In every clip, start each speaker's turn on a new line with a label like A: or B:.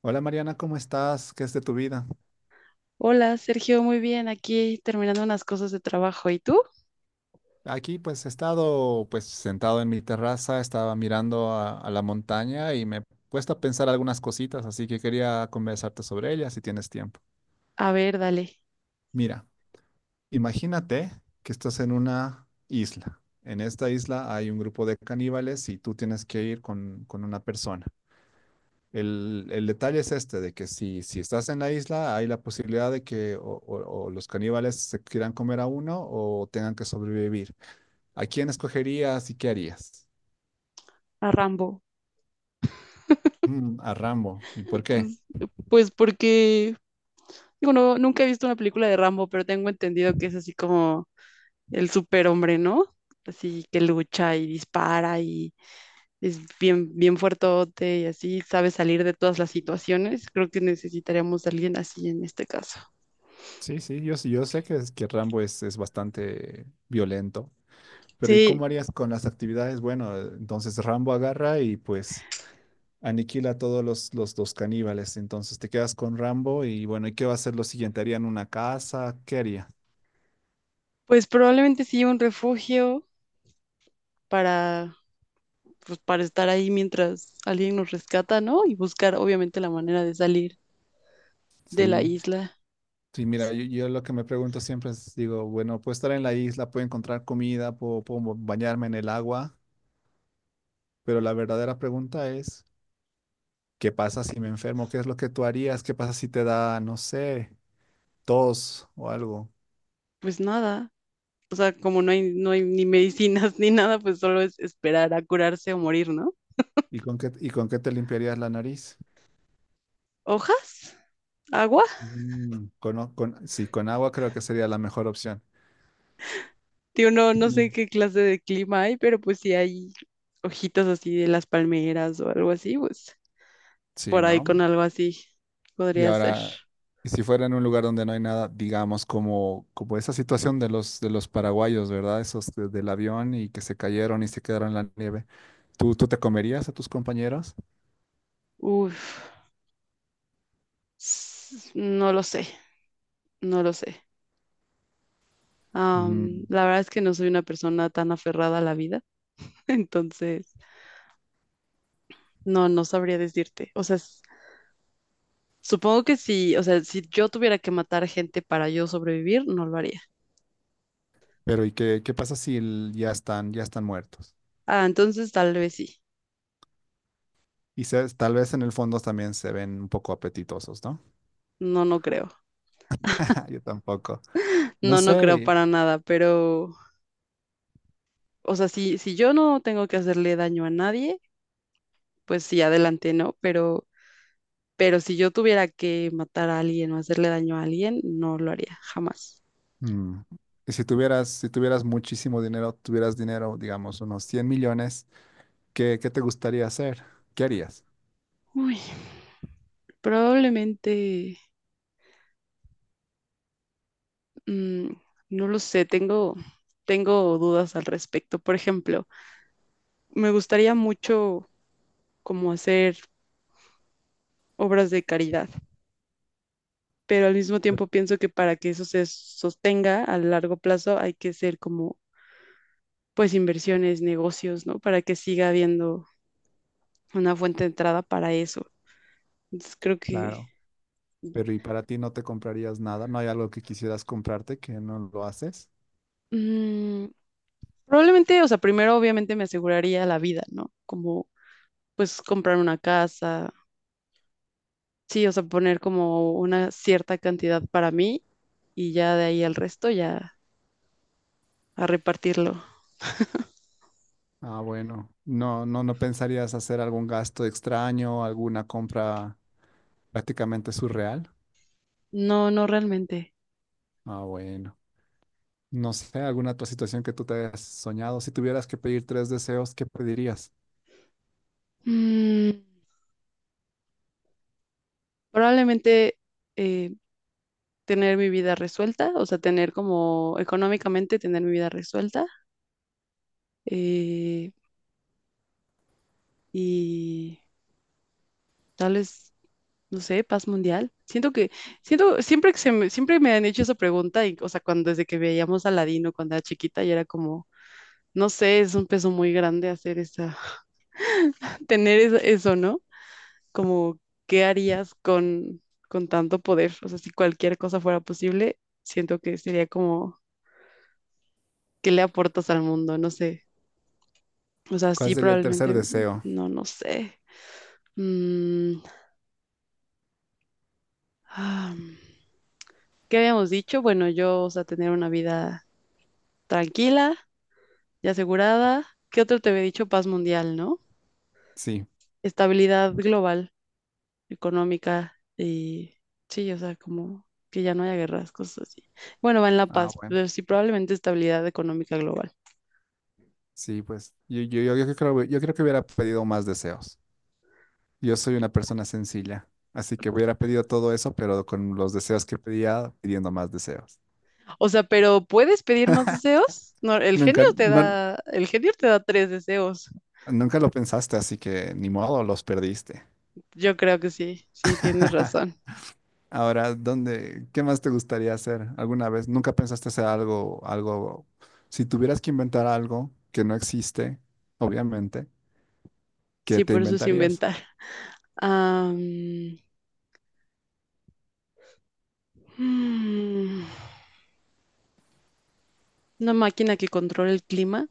A: Hola Mariana, ¿cómo estás? ¿Qué es de tu vida?
B: Hola, Sergio, muy bien. Aquí terminando unas cosas de trabajo. ¿Y tú?
A: Aquí pues he estado pues sentado en mi terraza, estaba mirando a la montaña y me he puesto a pensar algunas cositas, así que quería conversarte sobre ellas si tienes tiempo.
B: A ver, dale,
A: Mira, imagínate que estás en una isla. En esta isla hay un grupo de caníbales y tú tienes que ir con una persona. El detalle es este, de que si estás en la isla, hay la posibilidad de que o los caníbales se quieran comer a uno o tengan que sobrevivir. ¿A quién escogerías y qué harías?
B: a Rambo.
A: A Rambo. ¿Y por qué?
B: Mm, Pues porque, digo, no, nunca he visto una película de Rambo, pero tengo entendido que es así como el superhombre, ¿no? Así que lucha y dispara y es bien, bien fuertote y así sabe salir de todas las situaciones. Creo que necesitaríamos a alguien así en este caso.
A: Sí, sí, yo sé que Rambo es bastante violento, pero ¿y
B: Sí,
A: cómo harías con las actividades? Bueno, entonces Rambo agarra y pues aniquila a todos los caníbales. Entonces te quedas con Rambo y bueno, ¿y qué va a ser lo siguiente? ¿Harían una casa? ¿Qué haría?
B: pues probablemente sí un refugio para para estar ahí mientras alguien nos rescata, ¿no? Y buscar obviamente la manera de salir de la
A: Sí,
B: isla.
A: sí, mira,
B: S-
A: yo lo que me pregunto siempre es, digo, bueno, puedo estar en la isla, puedo encontrar comida, puedo bañarme en el agua, pero la verdadera pregunta es. ¿Qué pasa si me enfermo? ¿Qué es lo que tú harías? ¿Qué pasa si te da, no sé, tos o algo?
B: Pues nada, o sea, como no hay ni medicinas ni nada, pues solo es esperar a curarse o morir, ¿no?
A: ¿Y con qué te limpiarías la nariz?
B: ¿Hojas? ¿Agua?
A: Mm, con, o- con- sí, con agua creo que sería la mejor opción.
B: Tío, no, no
A: Y-
B: sé qué clase de clima hay, pero pues si hay hojitas así de las palmeras o algo así, pues
A: Sí,
B: por ahí
A: ¿no?
B: con algo así
A: Y
B: podría ser.
A: ahora, si fuera en un lugar donde no hay nada, digamos, como esa situación de de los paraguayos, ¿verdad? Esos del avión y que se cayeron y se quedaron en la nieve. ¿Tú te comerías a tus compañeros?
B: Uf, no lo sé, no lo sé.
A: Mm,
B: La verdad es que no soy una persona tan aferrada a la vida, entonces no, no sabría decirte. O sea, supongo que si, o sea, si yo tuviera que matar gente para yo sobrevivir, no lo haría.
A: pero ¿y qué pasa si ya están muertos?
B: Ah, entonces tal vez sí.
A: Y tal vez en el fondo también se ven un poco apetitosos, ¿no?
B: No, no creo.
A: Yo tampoco. No
B: No, no creo
A: sé.
B: para nada, pero, o sea, si yo no tengo que hacerle daño a nadie, pues sí, adelante, ¿no? Pero si yo tuviera que matar a alguien o hacerle daño a alguien, no lo haría, jamás.
A: mm, Y si tuvieras muchísimo dinero, tuvieras dinero, digamos, unos 100 millones, ¿qué te gustaría hacer? ¿Qué harías?
B: Uy, probablemente. Mm, no lo sé, tengo dudas al respecto. Por ejemplo, me gustaría mucho como hacer obras de caridad, pero al mismo tiempo pienso que para que eso se sostenga a largo plazo hay que hacer como pues inversiones, negocios, ¿no? Para que siga habiendo una fuente de entrada para eso. Entonces creo que
A: Claro. Pero ¿y para ti no te comprarías nada? ¿No hay algo que quisieras comprarte que no lo haces?
B: mm, probablemente, o sea, primero obviamente me aseguraría la vida, ¿no? Como pues comprar una casa. Sí, o sea, poner como una cierta cantidad para mí y ya de ahí al resto ya a repartirlo.
A: Ah, bueno. No, no, no pensarías hacer algún gasto extraño, alguna compra prácticamente surreal.
B: No, no realmente.
A: Ah, bueno. No sé, alguna otra situación que tú te hayas soñado. Si tuvieras que pedir tres deseos, ¿qué pedirías?
B: Mm, probablemente eh, tener mi vida resuelta, o sea, tener como económicamente tener mi vida resuelta eh, y tal vez, no sé, paz mundial. Siento, siempre me han hecho esa pregunta y, o sea, cuando desde que veíamos a Aladino cuando era chiquita y era como, no sé, es un peso muy grande hacer eso tener eso, eso, ¿no? Como, ¿qué harías con tanto poder? O sea, si cualquier cosa fuera posible, siento que sería como, ¿qué le aportas al mundo? No sé. O sea,
A: ¿Cuál
B: sí,
A: sería el tercer
B: probablemente,
A: deseo?
B: no, no sé. Mm, ah, ¿qué habíamos dicho? Bueno, yo, o sea, tener una vida tranquila y asegurada. ¿Qué otro te había dicho? Paz mundial, ¿no?
A: Sí.
B: Estabilidad global económica y sí, o sea, como que ya no haya guerras, cosas así. Bueno, va en la
A: Ah,
B: paz,
A: bueno.
B: pero sí probablemente estabilidad económica global.
A: Sí, pues yo creo que hubiera pedido más deseos. Yo soy una persona sencilla, así que hubiera pedido todo eso, pero con los deseos que pedía, pidiendo más deseos.
B: O sea, pero ¿puedes pedir más deseos? No, el genio
A: Nunca,
B: te
A: no-
B: da, el genio te da tres deseos.
A: nunca lo pensaste, así que ni modo, los perdiste.
B: Yo creo que sí, sí, tienes razón.
A: Ahora, qué más te gustaría hacer alguna vez? ¿Nunca pensaste hacer algo, si tuvieras que inventar algo que no existe, obviamente, ¿qué
B: Sí,
A: te
B: por eso es
A: inventarías?
B: inventar. Am, mm, una máquina que controle el clima.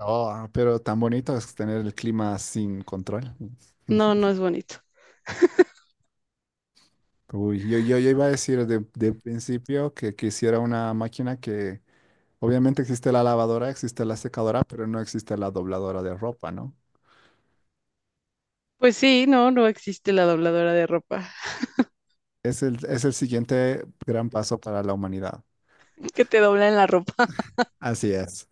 A: Oh, pero tan bonito es tener el clima sin control.
B: No, no es bonito.
A: Uy, yo iba a decir de principio que quisiera una máquina que, obviamente existe la lavadora, existe la secadora, pero no existe la dobladora de ropa, ¿no?
B: Pues sí, no, no existe la dobladora de ropa
A: Es el siguiente gran paso para la humanidad.
B: que te dobla en la ropa.
A: Así es.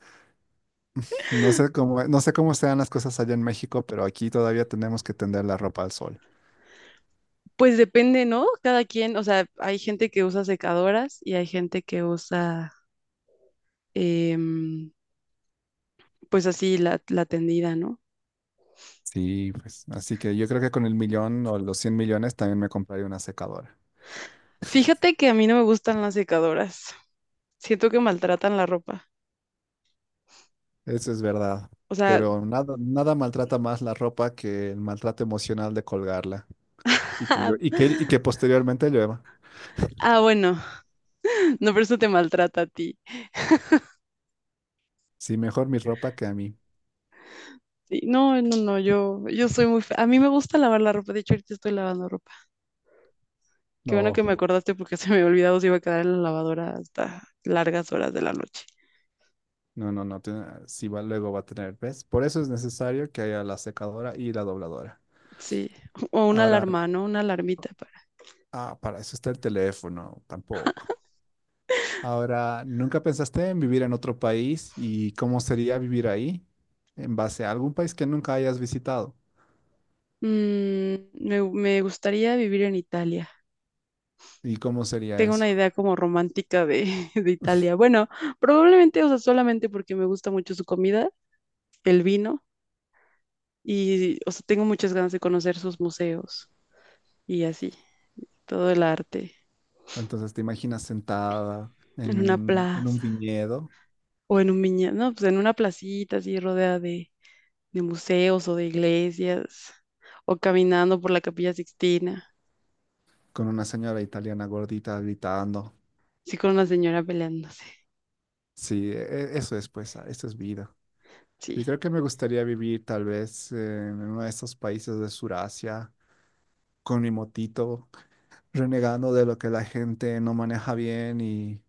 A: No sé cómo sean las cosas allá en México, pero aquí todavía tenemos que tender la ropa al sol.
B: Pues depende, ¿no? Cada quien, o sea, hay gente que usa secadoras y hay gente que usa, em, pues así, la tendida, ¿no?
A: Sí, pues. Así que yo creo que con el millón o los 100 millones también me compraría una secadora.
B: Fíjate que a mí no me gustan las secadoras. Siento que maltratan la ropa.
A: Eso es verdad.
B: O sea,
A: Pero nada, nada maltrata más la ropa que el maltrato emocional de colgarla y que, llo- y que posteriormente llueva.
B: ah, bueno, no, pero eso te maltrata a ti.
A: Sí, mejor mi ropa que a mí.
B: Sí, no, no, no, yo soy muy... A mí me gusta lavar la ropa. De hecho, ahorita estoy lavando ropa. Qué bueno
A: No,
B: que me acordaste porque se me había olvidado si iba a quedar en la lavadora hasta largas horas de la noche.
A: no, no, no. si va, Luego va a tener, ¿ves? Por eso es necesario que haya la secadora y la dobladora.
B: Sí, o una
A: Ahora,
B: alarma, ¿no? Una alarmita.
A: para eso está el teléfono, tampoco. Ahora, ¿nunca pensaste en vivir en otro país y cómo sería vivir ahí en base a algún país que nunca hayas visitado?
B: Me gustaría vivir en Italia.
A: ¿Y cómo sería
B: Tengo una
A: eso?
B: idea como romántica de, de Italia. Bueno, probablemente, o sea, solamente porque me gusta mucho su comida, el vino, y, o sea, tengo muchas ganas de conocer sus museos y así, todo el arte,
A: Entonces, ¿te imaginas sentada
B: en
A: en
B: una
A: en un
B: plaza
A: viñedo
B: o en un viñedo, no, pues en una placita así rodeada de museos o de iglesias, o caminando por la Capilla Sixtina,
A: con una señora italiana gordita gritando?
B: así con una señora peleándose.
A: Sí, eso es vida. Yo
B: Sí.
A: creo que me gustaría vivir tal vez en uno de esos países de Surasia con mi motito, renegando de lo que la gente no maneja bien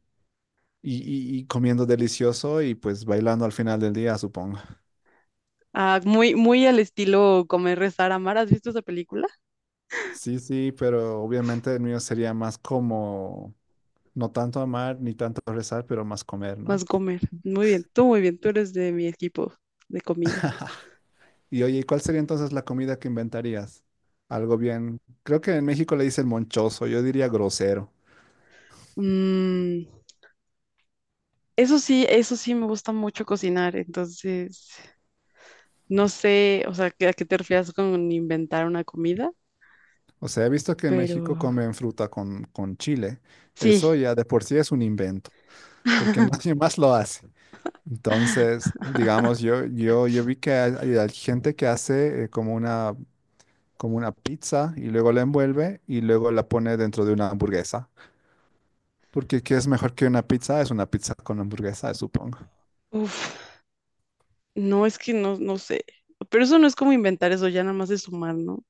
A: Y, y comiendo delicioso y pues bailando al final del día, supongo.
B: Ah, muy, muy al estilo Comer, Rezar, Amar. ¿Has visto esa película?
A: Sí, sí, pero obviamente el mío sería más como, no tanto amar ni tanto rezar, pero más comer,
B: Más
A: ¿no?
B: Comer. Muy bien, tú eres de mi equipo de comida.
A: Y oye, ¿cuál sería entonces la comida que inventarías? Algo bien, creo que en México le dicen monchoso, yo diría grosero.
B: Mm, eso sí, eso sí me gusta mucho cocinar, entonces no sé, o sea, a qué te refieres con inventar una comida,
A: O sea, he visto que en
B: pero
A: México comen fruta con chile.
B: sí,
A: Eso ya de por sí es un invento, porque nadie más lo hace. Entonces, digamos, yo vi que hay gente que hace como una pizza y luego la envuelve y luego la pone dentro de una hamburguesa. Porque ¿qué es mejor que una pizza? Es una pizza con hamburguesa, supongo.
B: uf, no es que no, no sé, pero eso no es como inventar eso, ya nada más es sumar, ¿no?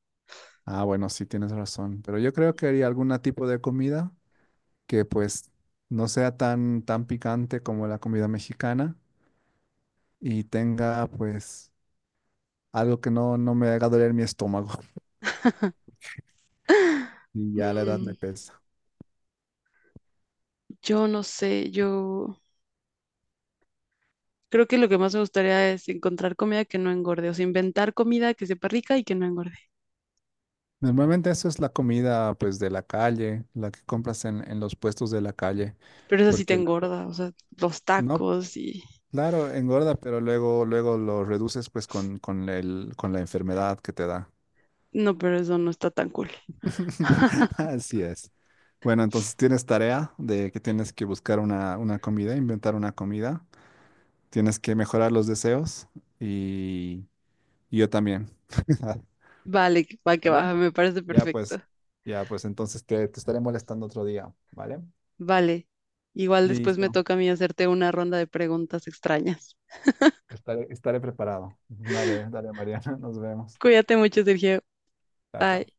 A: Ah, bueno, sí tienes razón, pero yo creo que haría algún tipo de comida que pues no sea tan picante como la comida mexicana y tenga pues algo que no me haga doler mi estómago y ya la edad
B: Mm,
A: me pesa.
B: yo no sé, yo... Creo que lo que más me gustaría es encontrar comida que no engorde, o sea, inventar comida que sepa rica y que no engorde.
A: Normalmente eso es la comida pues de la calle, la que compras en los puestos de la calle,
B: Pero eso sí te
A: porque la-
B: engorda, o sea, los
A: no,
B: tacos y...
A: claro, engorda, pero luego lo reduces pues con la enfermedad que te da.
B: No, pero eso no está tan cool.
A: Así es. Bueno, entonces tienes tarea de que tienes que buscar una comida, inventar una comida, tienes que mejorar los deseos y, y yo también.
B: Vale, va que va,
A: ¿Vale?
B: me parece
A: Ya pues,
B: perfecto.
A: ya pues entonces te estaré molestando otro día, ¿vale?
B: Vale, igual después me
A: Listo,
B: toca a mí hacerte una ronda de preguntas extrañas.
A: estaré preparado. Vale, dale Mariana, nos vemos.
B: Cuídate mucho, Sergio.
A: Chao,
B: Bye.
A: chao.